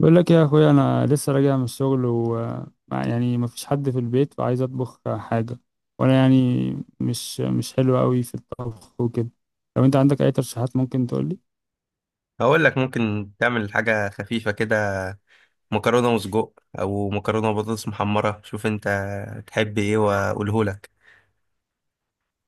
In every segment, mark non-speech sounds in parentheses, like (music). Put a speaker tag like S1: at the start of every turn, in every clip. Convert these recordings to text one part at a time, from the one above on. S1: بقول لك يا اخويا، انا لسه راجع من الشغل و يعني مفيش حد في البيت وعايز اطبخ حاجه، وانا يعني مش حلو قوي في الطبخ وكده. لو انت عندك اي ترشيحات ممكن تقول لي.
S2: هقول لك ممكن تعمل حاجة خفيفة كده، مكرونة وسجق أو مكرونة وبطاطس محمرة. شوف أنت تحب إيه وأقوله لك.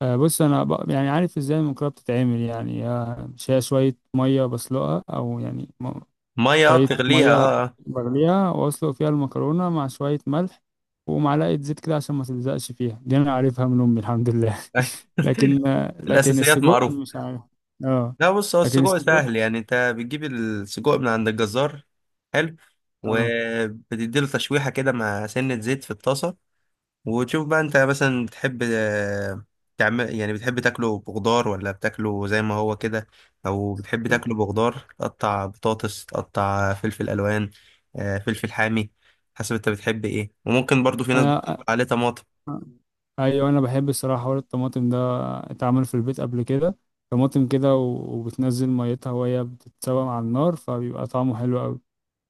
S1: آه، بص، انا يعني عارف ازاي المكرونه بتتعمل، يعني مش هي شويه ميه بسلقها، او يعني
S2: مية،
S1: شويه
S2: بتغليها.
S1: ميه
S2: أه.
S1: بغليها واسلق فيها المكرونه مع شويه ملح ومعلقه زيت كده عشان ما تلزقش فيها. دي انا عارفها من امي الحمد لله.
S2: آه.
S1: لكن
S2: (laughs)
S1: لكن
S2: الأساسيات
S1: السجق
S2: معروفة.
S1: مش عارف. اه.
S2: لا بص، هو
S1: لكن
S2: السجق
S1: السجق.
S2: سهل، يعني أنت بتجيب السجق من عند الجزار. حلو.
S1: اه.
S2: وبتديله تشويحة كده مع سنة زيت في الطاسة، وتشوف بقى انت مثلا بتحب تعمل، يعني بتحب تاكله بخضار ولا بتاكله زي ما هو كده، او بتحب تاكله بخضار تقطع بطاطس، تقطع فلفل الوان، فلفل حامي. حسب انت بتحب ايه. وممكن برضو في ناس
S1: انا.
S2: عليه طماطم.
S1: ايوه، انا بحب الصراحه حوار الطماطم ده، اتعمل في البيت قبل كده. طماطم كده و- وبتنزل ميتها وهي بتتسوى على النار فبيبقى طعمه حلو قوي.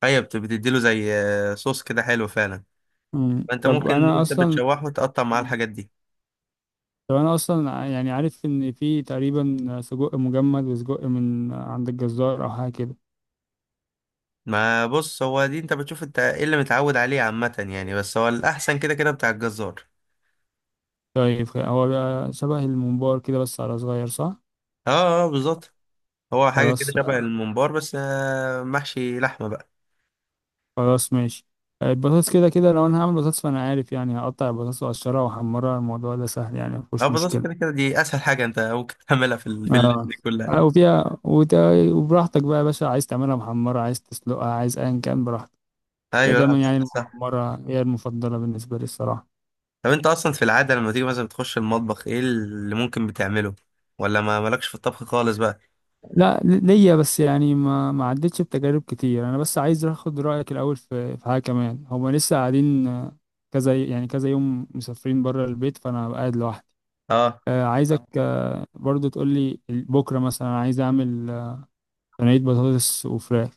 S2: ايوه، بتديله زي صوص كده، حلو فعلا.
S1: مم.
S2: فانت
S1: طب
S2: ممكن
S1: انا
S2: انت
S1: اصلا.
S2: بتشوحه تقطع معاه الحاجات دي.
S1: يعني عارف ان في تقريبا سجق مجمد وسجق من عند الجزار او حاجه كده.
S2: ما بص، هو دي انت بتشوف انت ايه اللي متعود عليه عامة، يعني بس هو الاحسن كده كده بتاع الجزار.
S1: طيب، هو بقى شبه الممبار كده بس على صغير، صح؟
S2: اه. اه بالظبط. هو حاجة كده
S1: خلاص.
S2: شبه الممبار بس محشي لحمة بقى.
S1: خلاص، ماشي. البطاطس كده كده لو انا هعمل بطاطس، فانا عارف يعني هقطع البطاطس واقشرها واحمرها، الموضوع ده سهل، يعني
S2: اه
S1: مفيش
S2: بالظبط، كده
S1: مشكله.
S2: كده دي أسهل حاجة أنت ممكن (laughs) تعملها في في الليل
S1: اه.
S2: دي كلها.
S1: آه، وفيها وت- وبراحتك بقى يا باشا، عايز تعملها محمره، عايز تسلقها، عايز ايا كان براحتك. هي
S2: أيوة. لا
S1: دايما
S2: صح،
S1: يعني
S2: صح.
S1: المحمره هي المفضله بالنسبه لي الصراحه.
S2: طب أنت أصلا في العادة لما تيجي مثلا بتخش المطبخ، إيه اللي ممكن بتعمله؟ ولا ما مالكش في الطبخ خالص بقى؟
S1: لا، ليا بس يعني ما عدتش بتجارب كتير. انا بس عايز اخد رايك الاول في حاجه كمان. هما لسه قاعدين، كذا يعني كذا يوم مسافرين بره البيت، فانا قاعد لوحدي.
S2: أه.
S1: عايزك برضو تقول لي بكره مثلا، انا عايز اعمل صينيه بطاطس وفراخ.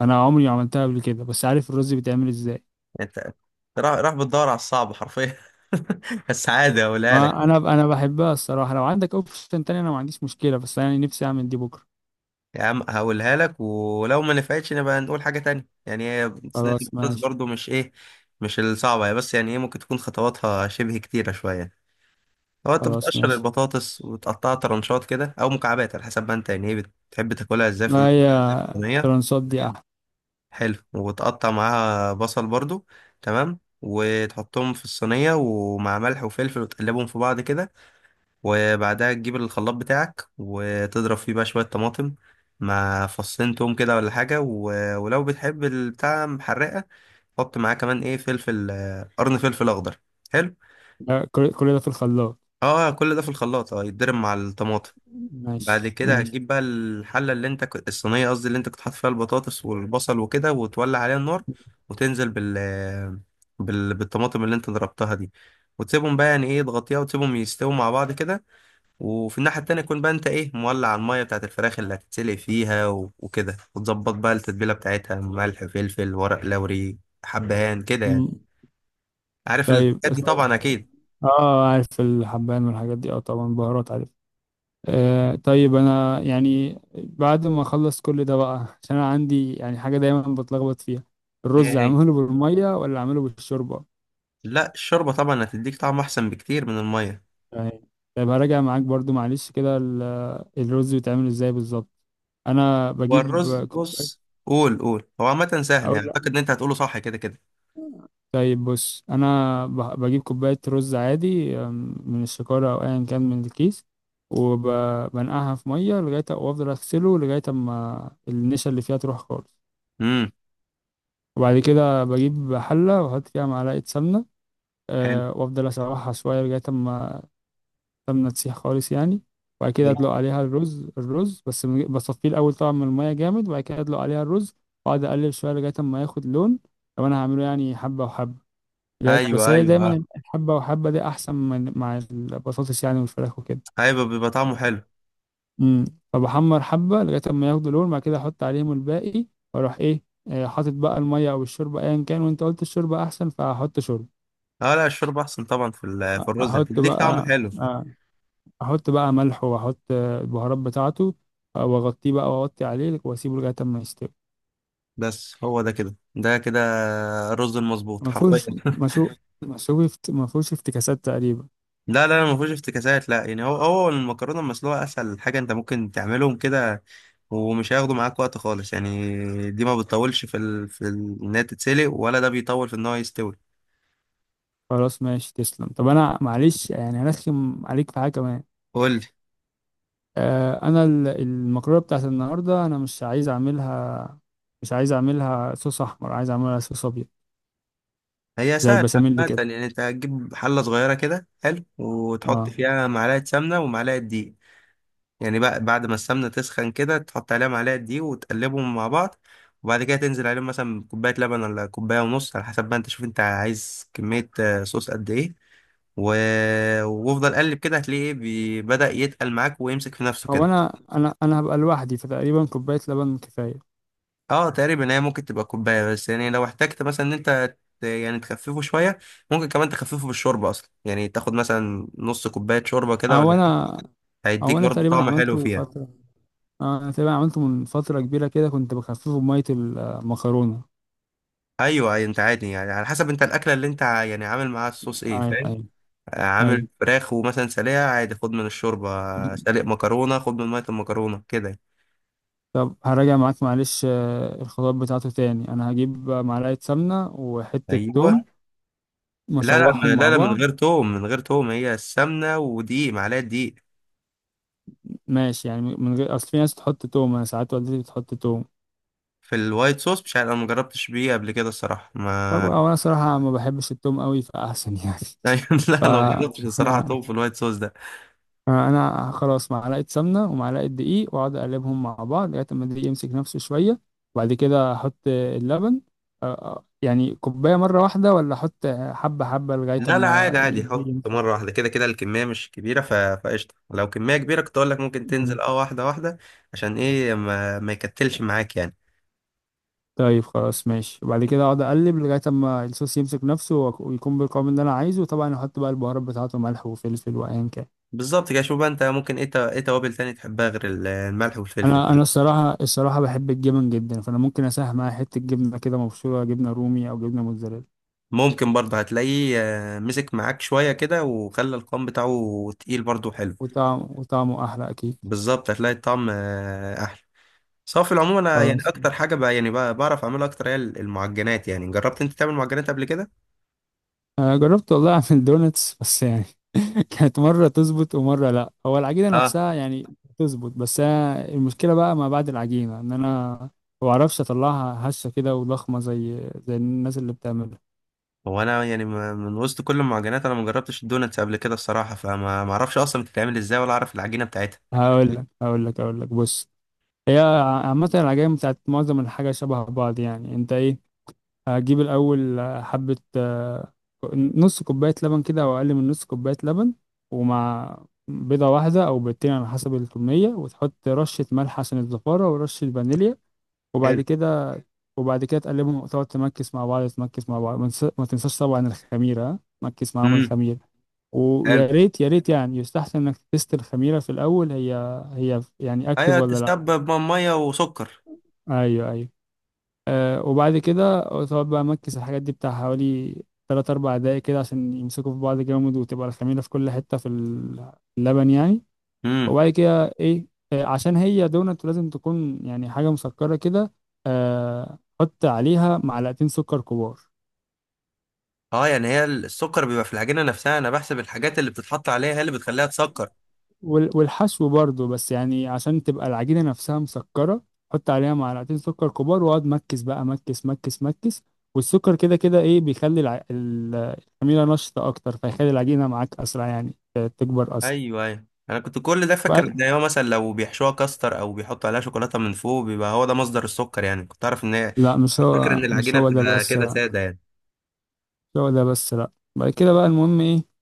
S1: انا عمري ما عملتها قبل كده، بس عارف الرز بيتعمل ازاي.
S2: أنت راح بتدور على الصعب حرفيا. (laughs) بس عادي هقولها لك.
S1: ما انا بحبها الصراحه، لو عندك اوبشن تاني انا ما عنديش مشكله، بس انا نفسي اعمل دي بكره.
S2: يا عم هقولها لك، ولو ما نفعتش نبقى نقول حاجة تانية. يعني هي صينية
S1: خلاص،
S2: البطاطس
S1: ماشي.
S2: برضو مش إيه، مش الصعبة هي، بس يعني إيه، ممكن تكون خطواتها شبه كتيرة شوية. هو انت
S1: خلاص،
S2: بتقشر
S1: ماشي.
S2: البطاطس وتقطعها طرنشات كده او مكعبات، على حسب ما انت يعني ايه بتحب تاكلها ازاي
S1: ما
S2: في
S1: هي
S2: الصينيه.
S1: ترانسات دي احلى.
S2: حلو. وتقطع معاها بصل برضو. تمام. وتحطهم في الصينيه ومع ملح وفلفل وتقلبهم في بعض كده. وبعدها تجيب الخلاط بتاعك وتضرب فيه بقى شويه طماطم مع فصين توم كده ولا حاجه ولو بتحب البتاع محرقه، حط معاه كمان ايه، فلفل، قرن فلفل اخضر. حلو.
S1: لا، كل ده في الخلاط.
S2: اه كل ده في الخلاط، اه يتضرب مع الطماطم.
S1: ماشي،
S2: بعد كده
S1: ماشي.
S2: هتجيب بقى الحلة اللي انت كنت الصينية، قصدي اللي انت كنت حاطط فيها البطاطس والبصل وكده، وتولع عليها النار، وتنزل بالطماطم اللي انت ضربتها دي، وتسيبهم بقى يعني ايه، تغطيها وتسيبهم يستووا مع بعض كده. وفي الناحية التانية يكون بقى انت ايه، مولع المية بتاعت الفراخ اللي هتتسلق فيها وكده، وتظبط بقى التتبيلة بتاعتها، ملح، فلفل، ورق لوري، حبهان كده يعني.
S1: مم.
S2: عارف
S1: طيب،
S2: الحاجات دي
S1: طيب.
S2: طبعا اكيد.
S1: اه، عارف الحبان والحاجات دي، اه طبعا بهارات عارف. طيب، انا يعني بعد ما اخلص كل ده بقى، عشان انا عندي يعني حاجه دايما بتلخبط فيها:
S2: ايه
S1: الرز
S2: ايه؟
S1: اعمله بالميه ولا اعمله بالشوربه؟
S2: لا الشوربة طبعا هتديك طعم احسن بكتير من المية.
S1: تمام. طيب، هراجع معاك برضو معلش كده، الرز بيتعمل ازاي بالظبط؟ انا
S2: هو
S1: بجيب
S2: الرز
S1: كوبايه
S2: بص. قول. هو عامة
S1: (laughs)
S2: سهل،
S1: اقول
S2: يعني اعتقد
S1: لأ.
S2: ان انت هتقوله صح كده كده.
S1: طيب، بص، انا بجيب كوبايه رز عادي، من الشكاره او ايا كان من الكيس، وبنقعها في ميه لغايه، وافضل اغسله لغايه اما النشا اللي فيها تروح خالص.
S2: امم.
S1: وبعد كده بجيب حلة وأحط فيها معلقة سمنة،
S2: حلو.
S1: وأفضل أسوحها شوية لغاية أما السمنة تسيح خالص يعني. وبعد كده
S2: حلو.
S1: أدلق عليها الرز. الرز بس بصفيه الأول طبعا من المية جامد، وبعد كده أدلق عليها الرز وأقعد أقلب شوية لغاية أما ياخد لون، لو أنا هعمله يعني حبة وحبة. لغاية بس
S2: ايوه
S1: هي
S2: ايوه، آه.
S1: دايما الحبة وحبة دي أحسن من مع البطاطس يعني والفراخ وكده.
S2: ايوه بيبقى طعمه حلو.
S1: امم. فبحمر حبة لغاية أما ياخدوا لون، بعد كده أحط عليهم الباقي، وأروح إيه حاطط بقى المية أو الشوربة أيا كان، وأنت قلت الشوربة أحسن فهحط شوربة.
S2: اه لا الشوربة احسن طبعا، في في الرز
S1: احط
S2: هتديك طعم
S1: بقى
S2: حلو.
S1: آه، احط بقى ملح واحط البهارات بتاعته، واغطيه بقى واغطي عليه واسيبه لغايه اما يستوي.
S2: بس هو ده كده ده كده الرز المظبوط
S1: ما
S2: حرفيا.
S1: فيهوش مسوق، مسوق ما فيهوش افتكاسات تقريبا.
S2: لا لا لا، ما فيهوش افتكاسات. لا يعني هو المكرونة المسلوقة اسهل حاجة انت ممكن تعملهم كده، ومش هياخدوا معاك وقت خالص يعني. دي ما بتطولش في ان هي تتسلق، ولا ده بيطول في ان هو يستوي.
S1: خلاص، ماشي، تسلم. طب انا معلش يعني هرخم عليك في حاجه كمان.
S2: قول.
S1: المكرونه بتاعت النهارده انا مش عايز اعملها، مش عايز اعملها صوص احمر، عايز اعملها صوص ابيض.
S2: هي
S1: زي
S2: سهلة
S1: البشاميل
S2: عامة،
S1: كده؟
S2: يعني انت هتجيب حلة صغيرة كده، حلو، وتحط
S1: اه.
S2: فيها معلقة سمنة ومعلقة دقيق. يعني بقى بعد ما السمنة تسخن كده، تحط عليها معلقة دقيق وتقلبهم مع بعض. وبعد كده تنزل عليهم مثلا بكوباية لبن ولا كوباية ونص، على حسب بقى انت شوف انت عايز كمية صوص قد ايه و... وافضل قلب كده، هتلاقيه ايه، بدأ يتقل معاك ويمسك في نفسه
S1: هو
S2: كده.
S1: انا هبقى لوحدي فتقريبا كوبايه لبن كفايه.
S2: اه تقريبا، هي ممكن تبقى كوبايه، بس يعني لو احتجت مثلا ان انت يعني تخففه شويه، ممكن كمان تخففه بالشوربه اصلا، يعني تاخد مثلا نص كوبايه شوربه كده
S1: او
S2: ولا،
S1: انا هو
S2: هيديك
S1: انا
S2: برضه
S1: تقريبا
S2: طعم حلو
S1: عملته
S2: فيها.
S1: فتره. انا تقريبا عملته من فتره كبيره كده، كنت بخففه بميه المكرونه.
S2: ايوه أيوة، انت عادي يعني على حسب انت الاكله اللي انت يعني عامل معاها الصوص ايه،
S1: ايوه،
S2: فاهم؟
S1: ايوه،
S2: عامل
S1: ايوه.
S2: فراخ ومثلا سلقه عادي، خد من الشوربه. سالق مكرونه، خد من ميه المكرونه كده.
S1: طب هراجع معاك معلش، الخطوات بتاعته تاني. انا هجيب معلقه سمنه وحته
S2: ايوه.
S1: توم
S2: لا لا
S1: واشوحهم
S2: لا
S1: مع
S2: لا، من
S1: بعض.
S2: غير توم، من غير توم. هي السمنه ودقيق، معلقه دقيق.
S1: ماشي يعني، من غير. اصل في ناس بتحط توم، انا ساعات والدتي بتحط توم.
S2: في الوايت صوص مش عارف، انا مجربتش بيه قبل كده الصراحه
S1: طب
S2: ما.
S1: هو انا صراحه ما بحبش التوم قوي، فاحسن يعني.
S2: ايوه. (laughs)
S1: (laughs) ف
S2: لا لو جربتش الصراحه توم
S1: (laughs)
S2: في الوايت صوص ده.
S1: انا خلاص معلقه سمنه ومعلقه دقيق، واقعد اقلبهم مع بعض لغايه ما الدقيق يمسك نفسه شويه، وبعد كده احط اللبن. يعني كوبايه مره واحده، ولا احط حبه حبه لغايه
S2: لا لا عادي
S1: ما
S2: عادي،
S1: الدقيق
S2: حط مره
S1: يمسك؟
S2: واحده كده كده الكميه مش كبيره فقشطه. لو كميه كبيره كنت اقول لك ممكن
S1: مم.
S2: تنزل اه واحده واحده، عشان ايه ما، ما يكتلش معاك يعني.
S1: طيب، خلاص، ماشي. وبعد كده اقعد اقلب لغايه ما الصوص يمسك نفسه ويكون بالقوام اللي انا عايزه، وطبعا احط بقى البهارات بتاعته ملح وفلفل وايا كان.
S2: بالظبط كده. شوف بقى انت ممكن ايه، ايه توابل تاني تحبها غير الملح والفلفل
S1: انا
S2: يعني.
S1: انا الصراحه بحب الجبن جدا، فانا ممكن اساهم معايا حته جبنه كده مبشوره، جبنه رومي او جبنه موتزاريلا.
S2: ممكن برضه هتلاقيه مسك معاك شويه كده، وخلى القوام بتاعه تقيل برضه حلو.
S1: وطعمه احلى اكيد.
S2: بالظبط، هتلاقي الطعم احلى. صافي. العموم انا يعني
S1: خلاص.
S2: اكتر حاجه بقى يعني بقى بعرف اعملها اكتر هي المعجنات. يعني جربت انت تعمل معجنات قبل كده؟
S1: انا جربت والله اعمل دونتس، بس يعني (laughs) كانت مره تظبط ومره لا. هو العجينه نفسها يعني تظبط، بس أنا المشكله بقى ما بعد العجينه ان انا ما بعرفش اطلعها هشه كده وضخمه زي الناس اللي بتعملها.
S2: هو انا يعني من وسط كل المعجنات انا ما جربتش الدوناتس قبل كده الصراحه، فما ما اعرفش اصلا بتتعمل ازاي ولا اعرف العجينه بتاعتها.
S1: هقول لك بص. هي عامه العجائن بتاعت معظم الحاجه شبه بعض يعني، انت ايه. هجيب الأول حبة، نص كوباية لبن كده أو أقل من نص كوباية لبن، ومع بيضة واحدة أو بيضتين على حسب الكمية، وتحط رشة ملح عشان الزفارة ورشة فانيليا. وبعد
S2: حلو.
S1: كده. تقلبهم وتقعد تمكس مع بعض، ما ما تنساش طبعا الخميرة، ها؟ تمكس معاهم
S2: امم.
S1: الخميرة.
S2: حلو.
S1: ويا ريت، يا ريت يعني يستحسن إنك تست الخميرة في الأول، هي يعني أكتف
S2: ايوه
S1: ولا لأ.
S2: تسبب ميه وسكر.
S1: أيوه، أيوه. وبعد كده تقعد بقى مكس الحاجات دي بتاع حوالي 3 أو 4 دقايق كده، عشان يمسكوا في بعض جامد وتبقى الخميرة في كل حتة في اللبن يعني.
S2: امم.
S1: وبعد كده إيه، عشان هي دونت لازم تكون يعني حاجة مسكرة كده، حط عليها معلقتين سكر كبار.
S2: اه يعني هي السكر بيبقى في العجينه نفسها، انا بحسب الحاجات اللي بتتحط عليها هي اللي بتخليها تسكر.
S1: والحشو برضو، بس يعني عشان تبقى العجينة نفسها مسكرة حط عليها معلقتين سكر كبار، واقعد مكس بقى، مكس مكس مكس. والسكر كده كده ايه بيخلي الخميرة نشطة اكتر، فيخلي العجينة معاك اسرع يعني تكبر اسرع.
S2: ايوه ايوه، انا كنت كل ده فاكر
S1: بعد...
S2: ان هو مثلا لو بيحشوها كاستر او بيحطوا عليها شوكولاته من فوق بيبقى هو ده مصدر السكر، يعني كنت اعرف ان هي،
S1: لا، مش
S2: كنت فاكر
S1: هو
S2: ان
S1: مش
S2: العجينه
S1: هو ده
S2: بتبقى
S1: بس،
S2: كده
S1: لا، مش
S2: ساده يعني.
S1: هو ده بس، لا. بعد كده بقى المهم ايه،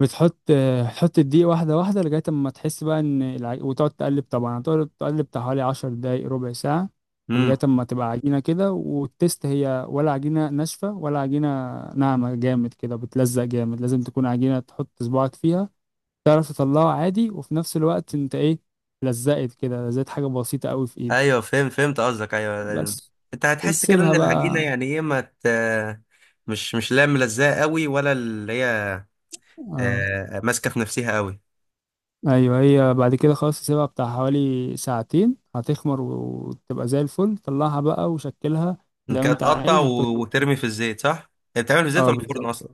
S1: بتحط تحط الدقيق واحدة واحدة لغاية اما تحس بقى ان وتقعد تقلب طبعا، هتقعد تقلب بتاع حوالي 10 دقايق ربع ساعة، ولغاية
S2: امم.
S1: اما تبقى عجينة كده، والتست هي ولا عجينة ناشفة ولا عجينة ناعمة جامد كده بتلزق جامد. لازم تكون عجينة تحط صباعك فيها تعرف تطلعه عادي، وفي نفس الوقت انت ايه، لزقت كده، لزقت حاجة بسيطة قوي في ايدك
S2: ايوه فهمت قصدك، ايوه.
S1: بس.
S2: انت هتحس كده
S1: وتسيبها
S2: ان العجينه
S1: بقى.
S2: يعني ايه، ما ت... مش مش لا ملزقه قوي، ولا اللي هي
S1: اه،
S2: ماسكه في نفسها قوي.
S1: ايوه، هي بعد كده خلاص تسيبها بتاع حوالي ساعتين هتخمر وتبقى زي الفل، طلعها بقى وشكلها زي
S2: انت
S1: ما انت
S2: هتقطع
S1: عايز هتظبط
S2: وترمي في
S1: يعني.
S2: الزيت صح؟ هي بتتعمل في الزيت
S1: اه،
S2: ولا في الفرن اصلا؟
S1: بالظبط.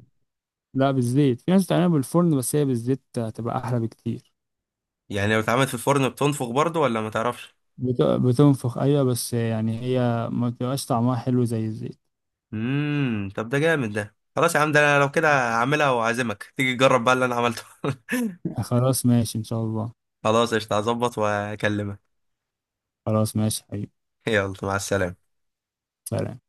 S1: لا، بالزيت، في ناس بتعملها بالفرن، بس هي بالزيت هتبقى احلى بكتير.
S2: يعني لو اتعملت في الفرن بتنفخ برضو ولا ما تعرفش؟
S1: بتنفخ، ايوه، بس يعني هي ما بتبقاش طعمها حلو زي الزيت.
S2: امم. طب ده جامد، ده خلاص يا عم، ده انا لو كده هعملها واعزمك تيجي تجرب بقى اللي انا عملته. (laughs)
S1: (laughs) خلاص، ماشي، ان شاء الله.
S2: خلاص قشطه، هظبط واكلمك.
S1: خلاص، ماشي حبيبي.
S2: يلا مع السلامه.
S1: سلام.